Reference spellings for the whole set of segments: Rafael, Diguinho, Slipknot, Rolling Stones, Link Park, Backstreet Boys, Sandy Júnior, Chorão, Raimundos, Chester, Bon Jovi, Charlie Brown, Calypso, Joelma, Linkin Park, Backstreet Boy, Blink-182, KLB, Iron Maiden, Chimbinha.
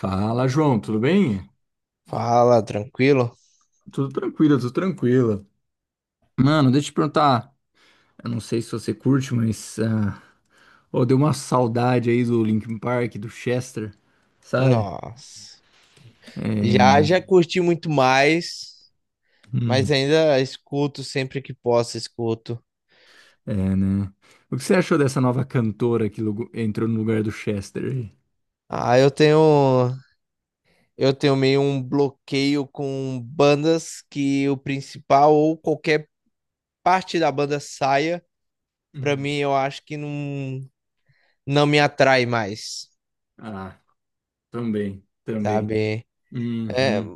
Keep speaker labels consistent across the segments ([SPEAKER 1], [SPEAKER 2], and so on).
[SPEAKER 1] Fala, João, tudo bem?
[SPEAKER 2] Fala, tranquilo?
[SPEAKER 1] Tudo tranquilo, tudo tranquilo. Mano, deixa eu te perguntar. Eu não sei se você curte, mas, ah, ô, deu uma saudade aí do Linkin Park, do Chester, sabe?
[SPEAKER 2] Nossa.
[SPEAKER 1] É.
[SPEAKER 2] Já curti muito mais, mas
[SPEAKER 1] Hum,
[SPEAKER 2] ainda escuto sempre que posso, escuto.
[SPEAKER 1] é, né? O que você achou dessa nova cantora que entrou no lugar do Chester aí?
[SPEAKER 2] Ah, eu tenho meio um bloqueio com bandas que o principal ou qualquer parte da banda saia, pra
[SPEAKER 1] Hum.
[SPEAKER 2] mim eu acho que não me atrai mais,
[SPEAKER 1] Ah, também, também.
[SPEAKER 2] sabe? É,
[SPEAKER 1] Uhum.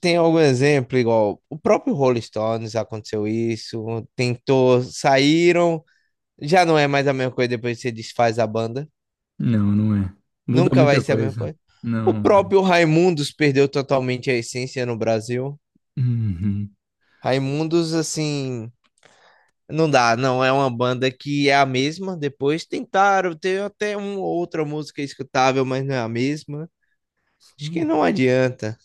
[SPEAKER 2] tem algum exemplo igual o próprio Rolling Stones, aconteceu isso, tentou, saíram. Já não é mais a mesma coisa depois que você desfaz a banda.
[SPEAKER 1] Não, não é. Muda
[SPEAKER 2] Nunca vai
[SPEAKER 1] muita
[SPEAKER 2] ser a mesma
[SPEAKER 1] coisa.
[SPEAKER 2] coisa.
[SPEAKER 1] Não,
[SPEAKER 2] O
[SPEAKER 1] não vai.
[SPEAKER 2] próprio Raimundos perdeu totalmente a essência no Brasil.
[SPEAKER 1] Uhum.
[SPEAKER 2] Raimundos, assim, não dá, não é uma banda que é a mesma. Depois tentaram ter até uma outra música escutável, mas não é a mesma. Acho que
[SPEAKER 1] Sim.
[SPEAKER 2] não adianta,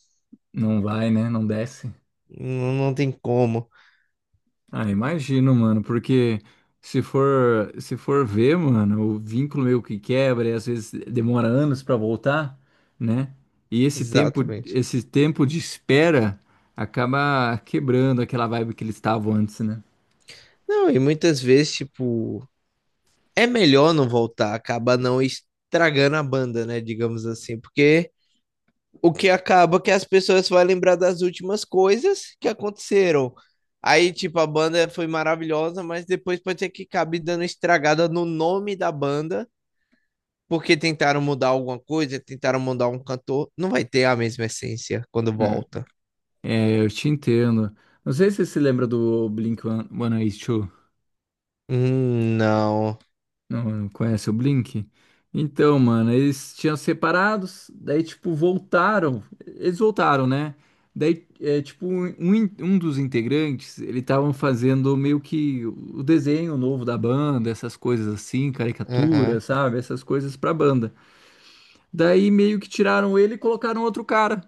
[SPEAKER 1] Não vai, né? Não desce.
[SPEAKER 2] não tem como.
[SPEAKER 1] Ah, imagino, mano, porque se for ver, mano, o vínculo meio que quebra e às vezes demora anos pra voltar, né? E esse tempo,
[SPEAKER 2] Exatamente.
[SPEAKER 1] esse tempo de espera acaba quebrando aquela vibe que eles estavam antes, né?
[SPEAKER 2] Não, e muitas vezes, tipo, é melhor não voltar, acaba não estragando a banda, né? Digamos assim, porque o que acaba que as pessoas vão lembrar das últimas coisas que aconteceram. Aí, tipo, a banda foi maravilhosa, mas depois pode ser que acabe dando estragada no nome da banda, porque tentaram mudar alguma coisa, tentaram mudar um cantor. Não vai ter a mesma essência quando
[SPEAKER 1] Hum.
[SPEAKER 2] volta.
[SPEAKER 1] É, eu te entendo. Não sei se você se lembra do Blink-182. Eighty-two.
[SPEAKER 2] Não.
[SPEAKER 1] Não, não conhece o Blink? Então, mano, eles tinham separados, daí, tipo, voltaram. Eles voltaram, né? Daí, é, tipo, um dos integrantes, ele estavam fazendo meio que o desenho novo da banda, essas coisas assim, caricatura,
[SPEAKER 2] Aham.
[SPEAKER 1] sabe? Essas coisas pra banda. Daí, meio que tiraram ele e colocaram outro cara,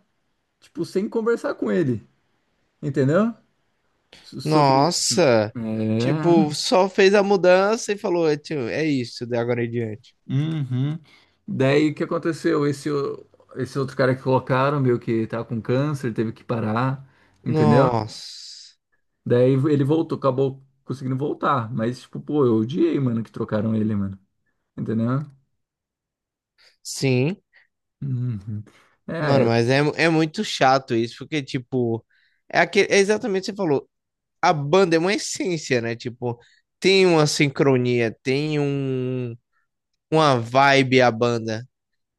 [SPEAKER 1] tipo, sem conversar com ele, entendeu? Sobre isso.
[SPEAKER 2] Nossa. Tipo,
[SPEAKER 1] É.
[SPEAKER 2] só fez a mudança e falou, "Tio, é isso, de agora em diante."
[SPEAKER 1] Uhum. Daí o que aconteceu? Esse outro cara que colocaram, meio que tá com câncer, teve que parar, entendeu?
[SPEAKER 2] Nossa.
[SPEAKER 1] Daí ele voltou, acabou conseguindo voltar. Mas, tipo, pô, eu odiei, mano, que trocaram ele, mano. Entendeu?
[SPEAKER 2] Sim.
[SPEAKER 1] Uhum.
[SPEAKER 2] Mano,
[SPEAKER 1] É,
[SPEAKER 2] mas é, é muito chato isso, porque, tipo, é, é exatamente o que você falou. A banda é uma essência, né? Tipo, tem uma sincronia, tem uma vibe a banda.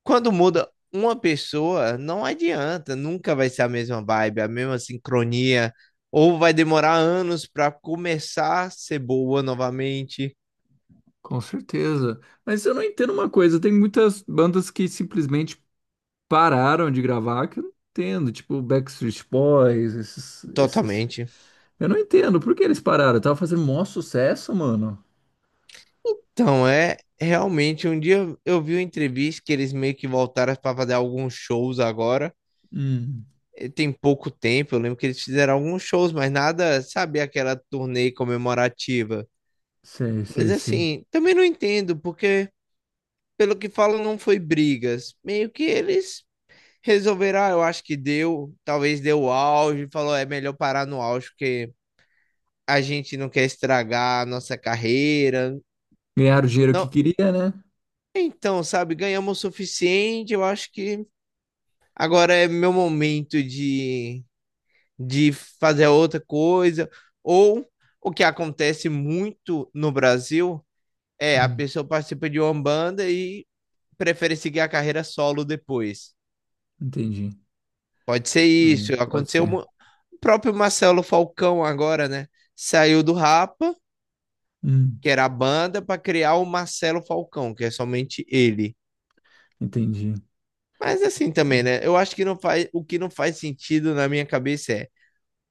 [SPEAKER 2] Quando muda uma pessoa, não adianta, nunca vai ser a mesma vibe, a mesma sincronia, ou vai demorar anos pra começar a ser boa novamente.
[SPEAKER 1] com certeza. Mas eu não entendo uma coisa, tem muitas bandas que simplesmente pararam de gravar que eu não entendo, tipo Backstreet Boys, esses.
[SPEAKER 2] Totalmente.
[SPEAKER 1] Eu não entendo, por que eles pararam? Tava fazendo maior sucesso, mano.
[SPEAKER 2] Então, é realmente, um dia eu vi uma entrevista que eles meio que voltaram para fazer alguns shows agora.
[SPEAKER 1] Hum.
[SPEAKER 2] Tem pouco tempo. Eu lembro que eles fizeram alguns shows, mas nada, sabe, aquela turnê comemorativa.
[SPEAKER 1] Sei, sei,
[SPEAKER 2] Mas
[SPEAKER 1] sei.
[SPEAKER 2] assim, também não entendo, porque pelo que falam, não foi brigas. Meio que eles resolveram, ah, eu acho que deu, talvez deu o auge, falou, é melhor parar no auge, porque a gente não quer estragar a nossa carreira.
[SPEAKER 1] Ganharam o dinheiro que
[SPEAKER 2] Não,
[SPEAKER 1] queria, né?
[SPEAKER 2] então, sabe, ganhamos o suficiente, eu acho que agora é meu momento de fazer outra coisa. Ou o que acontece muito no Brasil é a
[SPEAKER 1] Hum,
[SPEAKER 2] pessoa participa de uma banda e prefere seguir a carreira solo depois.
[SPEAKER 1] entendi.
[SPEAKER 2] Pode ser isso.
[SPEAKER 1] Pode
[SPEAKER 2] Aconteceu
[SPEAKER 1] ser.
[SPEAKER 2] o próprio Marcelo Falcão agora, né? Saiu do Rapa,
[SPEAKER 1] Hum,
[SPEAKER 2] que era a banda, para criar o Marcelo Falcão, que é somente ele.
[SPEAKER 1] entendi.
[SPEAKER 2] Mas assim também,
[SPEAKER 1] Hum,
[SPEAKER 2] né? Eu acho que não faz, o que não faz sentido na minha cabeça é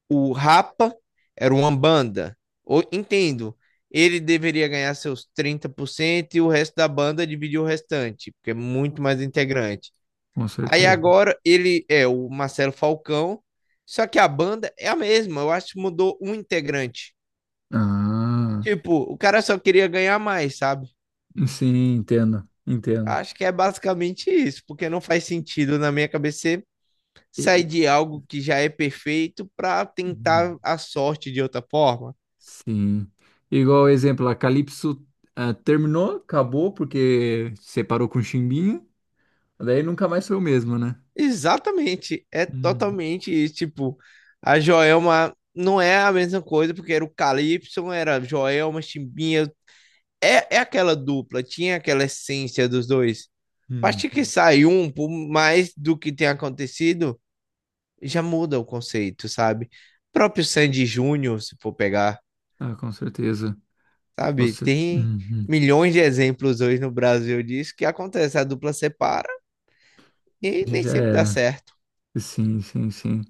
[SPEAKER 2] o Rapa era uma banda. Entendo. Ele deveria ganhar seus 30% e o resto da banda dividir o restante, porque é muito mais integrante.
[SPEAKER 1] Com
[SPEAKER 2] Aí
[SPEAKER 1] certeza.
[SPEAKER 2] agora ele é o Marcelo Falcão, só que a banda é a mesma. Eu acho que mudou um integrante.
[SPEAKER 1] Ah,
[SPEAKER 2] Tipo, o cara só queria ganhar mais, sabe?
[SPEAKER 1] sim, entendo, entendo.
[SPEAKER 2] Acho que é basicamente isso, porque não faz sentido na minha cabeça
[SPEAKER 1] E-
[SPEAKER 2] sair
[SPEAKER 1] e-
[SPEAKER 2] de algo que já é perfeito para tentar
[SPEAKER 1] hum,
[SPEAKER 2] a sorte de outra forma.
[SPEAKER 1] sim. Igual exemplo, a Calypso, ah, terminou, acabou porque separou com o Chimbinha, daí nunca mais foi o mesmo, né?
[SPEAKER 2] Exatamente, é
[SPEAKER 1] Uhum.
[SPEAKER 2] totalmente isso. Tipo, a Joelma não é a mesma coisa, porque era o Calypso, era Joelma, Chimbinha. É, é aquela dupla, tinha aquela essência dos dois. A partir que
[SPEAKER 1] Uhum.
[SPEAKER 2] sai um, por mais do que tem acontecido, já muda o conceito, sabe? O próprio Sandy Júnior, se for pegar,
[SPEAKER 1] Ah, com certeza.
[SPEAKER 2] sabe?
[SPEAKER 1] Você.
[SPEAKER 2] Tem
[SPEAKER 1] Uhum.
[SPEAKER 2] milhões de exemplos hoje no Brasil disso que acontece. A dupla separa e nem
[SPEAKER 1] Já
[SPEAKER 2] sempre dá
[SPEAKER 1] era.
[SPEAKER 2] certo.
[SPEAKER 1] Sim, sim, sim.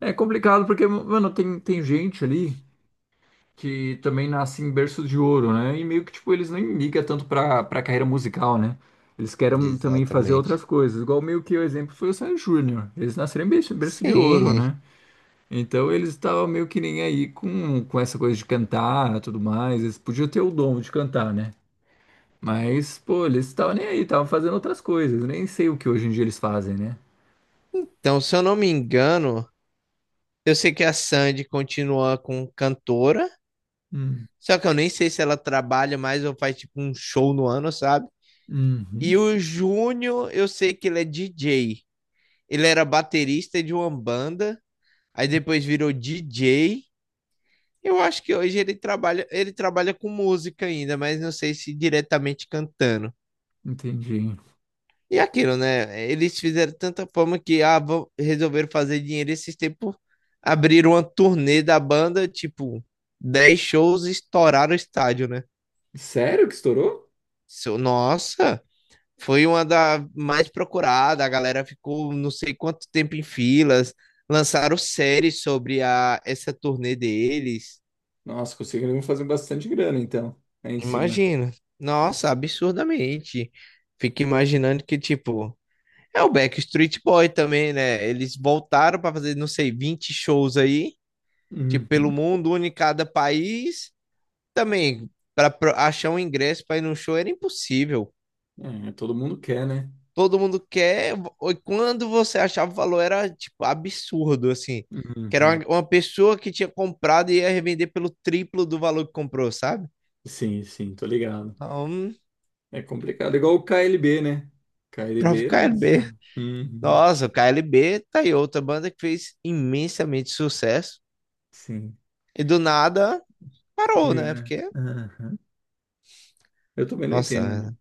[SPEAKER 1] É complicado porque, mano, tem gente ali que também nasce em berço de ouro, né? E meio que, tipo, eles nem ligam tanto pra carreira musical, né? Eles querem também fazer
[SPEAKER 2] Exatamente.
[SPEAKER 1] outras coisas. Igual meio que o exemplo foi o Sandy Júnior. Eles nasceram em berço de ouro,
[SPEAKER 2] Sim.
[SPEAKER 1] né? Então eles estavam meio que nem aí com essa coisa de cantar e tudo mais. Eles podiam ter o dom de cantar, né? Mas, pô, eles estavam nem aí, estavam fazendo outras coisas. Nem sei o que hoje em dia eles fazem, né?
[SPEAKER 2] Então, se eu não me engano, eu sei que a Sandy continua com cantora,
[SPEAKER 1] Hum,
[SPEAKER 2] só que eu nem sei se ela trabalha mais ou faz tipo um show no ano, sabe? E
[SPEAKER 1] uhum,
[SPEAKER 2] o Júnior, eu sei que ele é DJ. Ele era baterista de uma banda, aí depois virou DJ. Eu acho que hoje ele trabalha com música ainda, mas não sei se diretamente cantando.
[SPEAKER 1] entendi.
[SPEAKER 2] E aquilo, né? Eles fizeram tanta fama que ah, vão- resolveram fazer dinheiro esses tempos. Abriram uma turnê da banda, tipo, 10 shows, e estouraram o estádio, né?
[SPEAKER 1] Sério que estourou?
[SPEAKER 2] Nossa, foi uma da mais procurada. A galera ficou não sei quanto tempo em filas. Lançaram séries sobre a, essa turnê deles.
[SPEAKER 1] Nossa, conseguiram fazer bastante grana, então, aí em cima.
[SPEAKER 2] Imagina. Nossa, absurdamente. Fico imaginando que, tipo, é o Backstreet Boy também, né? Eles voltaram para fazer, não sei, 20 shows aí, tipo, pelo
[SPEAKER 1] Uhum.
[SPEAKER 2] mundo, um em cada país. Também, para achar um ingresso para ir num show era impossível.
[SPEAKER 1] É, todo mundo quer, né?
[SPEAKER 2] Todo mundo quer. E quando você achava o valor, era, tipo, absurdo, assim. Que era
[SPEAKER 1] Uhum.
[SPEAKER 2] uma pessoa que tinha comprado e ia revender pelo triplo do valor que comprou, sabe?
[SPEAKER 1] Sim, sim, tô ligado.
[SPEAKER 2] Então,
[SPEAKER 1] É complicado, igual o KLB, né?
[SPEAKER 2] próprio
[SPEAKER 1] KLB,
[SPEAKER 2] KLB.
[SPEAKER 1] nossa. Uhum.
[SPEAKER 2] Nossa, o KLB tá aí, outra banda que fez imensamente sucesso.
[SPEAKER 1] Sim,
[SPEAKER 2] E do nada parou,
[SPEAKER 1] sumiu,
[SPEAKER 2] né?
[SPEAKER 1] né?
[SPEAKER 2] Porque
[SPEAKER 1] Aham. Eu também não entendo, né?
[SPEAKER 2] nossa,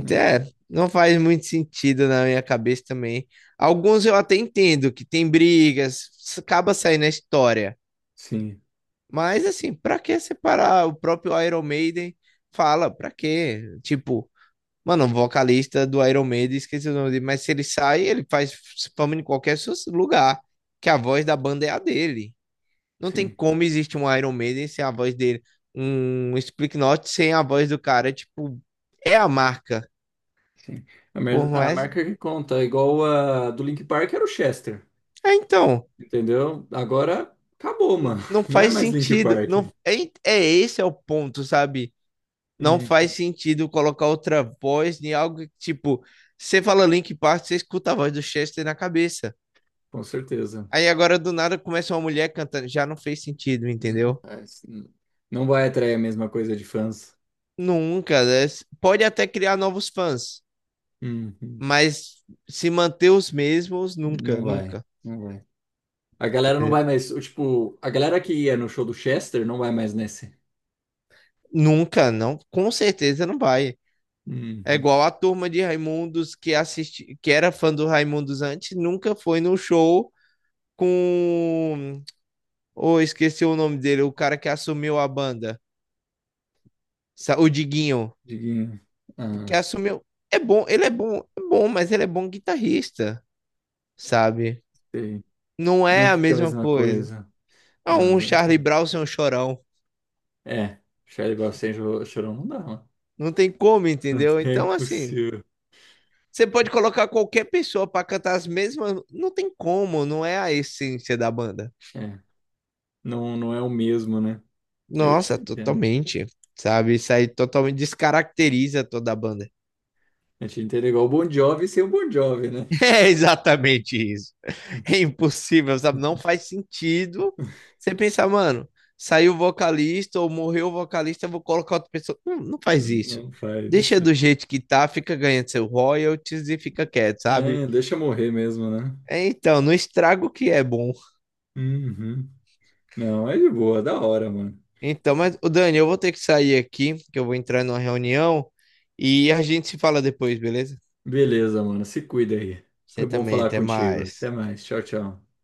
[SPEAKER 1] Não
[SPEAKER 2] é,
[SPEAKER 1] entendo.
[SPEAKER 2] não faz muito sentido na minha cabeça também. Alguns eu até entendo que tem brigas, acaba saindo a história.
[SPEAKER 1] Sim,
[SPEAKER 2] Mas assim, pra que separar? O próprio Iron Maiden fala, pra quê? Tipo, mano, o vocalista do Iron Maiden, esqueci o nome dele, mas se ele sai, ele faz fama em qualquer lugar, que a voz da banda é a dele. Não tem
[SPEAKER 1] sim,
[SPEAKER 2] como existir um Iron Maiden sem a voz dele, um Slipknot sem a voz do cara, tipo, é a marca.
[SPEAKER 1] sim. A, mer-
[SPEAKER 2] Por
[SPEAKER 1] a
[SPEAKER 2] mais
[SPEAKER 1] marca que conta, igual a do Link Park era o Chester,
[SPEAKER 2] é, então,
[SPEAKER 1] entendeu? Agora acabou, mano.
[SPEAKER 2] não
[SPEAKER 1] Não é
[SPEAKER 2] faz
[SPEAKER 1] mais Link
[SPEAKER 2] sentido.
[SPEAKER 1] Park.
[SPEAKER 2] Não, é, é esse é o ponto, sabe? Não
[SPEAKER 1] Hum.
[SPEAKER 2] faz sentido colocar outra voz em algo que, tipo, você fala Link Park, você escuta a voz do Chester na cabeça.
[SPEAKER 1] Com certeza.
[SPEAKER 2] Aí agora do nada começa uma mulher cantando, já não fez sentido, entendeu?
[SPEAKER 1] É, sim. Não vai atrair a mesma coisa de fãs.
[SPEAKER 2] Nunca, né? Pode até criar novos fãs,
[SPEAKER 1] Uhum.
[SPEAKER 2] mas se manter os mesmos, nunca,
[SPEAKER 1] Não vai,
[SPEAKER 2] nunca,
[SPEAKER 1] não vai. A galera não
[SPEAKER 2] entendeu?
[SPEAKER 1] vai mais, o tipo, a galera que ia no show do Chester não vai mais nesse.
[SPEAKER 2] Nunca, não, com certeza não vai. É
[SPEAKER 1] Uhum.
[SPEAKER 2] igual a turma de Raimundos que assisti, que era fã do Raimundos antes, nunca foi no show com. Oh, esqueci o nome dele, o cara que assumiu a banda, o Diguinho,
[SPEAKER 1] Diguinho.
[SPEAKER 2] que
[SPEAKER 1] Ah,
[SPEAKER 2] assumiu. É bom, ele é bom, mas ele é bom guitarrista, sabe?
[SPEAKER 1] sei.
[SPEAKER 2] Não
[SPEAKER 1] Não
[SPEAKER 2] é a
[SPEAKER 1] fica a
[SPEAKER 2] mesma
[SPEAKER 1] mesma
[SPEAKER 2] coisa.
[SPEAKER 1] coisa. Ah,
[SPEAKER 2] Ah, um
[SPEAKER 1] eu
[SPEAKER 2] Charlie
[SPEAKER 1] entendo.
[SPEAKER 2] Brown sem um chorão.
[SPEAKER 1] É, Charlie Brown sem chorão não dá, mano.
[SPEAKER 2] Não tem como, entendeu?
[SPEAKER 1] É
[SPEAKER 2] Então, assim,
[SPEAKER 1] impossível.
[SPEAKER 2] você pode colocar qualquer pessoa pra cantar as mesmas. Não tem como, não é a essência da banda.
[SPEAKER 1] É, não, não é o mesmo, né? Eu te
[SPEAKER 2] Nossa,
[SPEAKER 1] entendo.
[SPEAKER 2] totalmente. Sabe, isso aí totalmente descaracteriza toda a banda.
[SPEAKER 1] Eu te entendo igual o Bon Jovi sem o Bon Jovi, né?
[SPEAKER 2] É exatamente isso. É impossível, sabe? Não faz sentido você pensar, mano, saiu o vocalista ou morreu o vocalista, eu vou colocar outra pessoa. Não, não faz isso.
[SPEAKER 1] Não faz
[SPEAKER 2] Deixa do
[SPEAKER 1] isso.
[SPEAKER 2] jeito que tá, fica ganhando seu royalties e fica quieto, sabe?
[SPEAKER 1] É, deixa morrer mesmo, né?
[SPEAKER 2] É, então, não estraga o que é bom.
[SPEAKER 1] Uhum. Não, é de boa, da hora, mano.
[SPEAKER 2] Então, mas, ô Dani, eu vou ter que sair aqui, que eu vou entrar numa reunião e a gente se fala depois, beleza?
[SPEAKER 1] Beleza, mano. Se cuida aí.
[SPEAKER 2] Você
[SPEAKER 1] Foi bom
[SPEAKER 2] também,
[SPEAKER 1] falar
[SPEAKER 2] até
[SPEAKER 1] contigo. Até
[SPEAKER 2] mais.
[SPEAKER 1] mais. Tchau, tchau.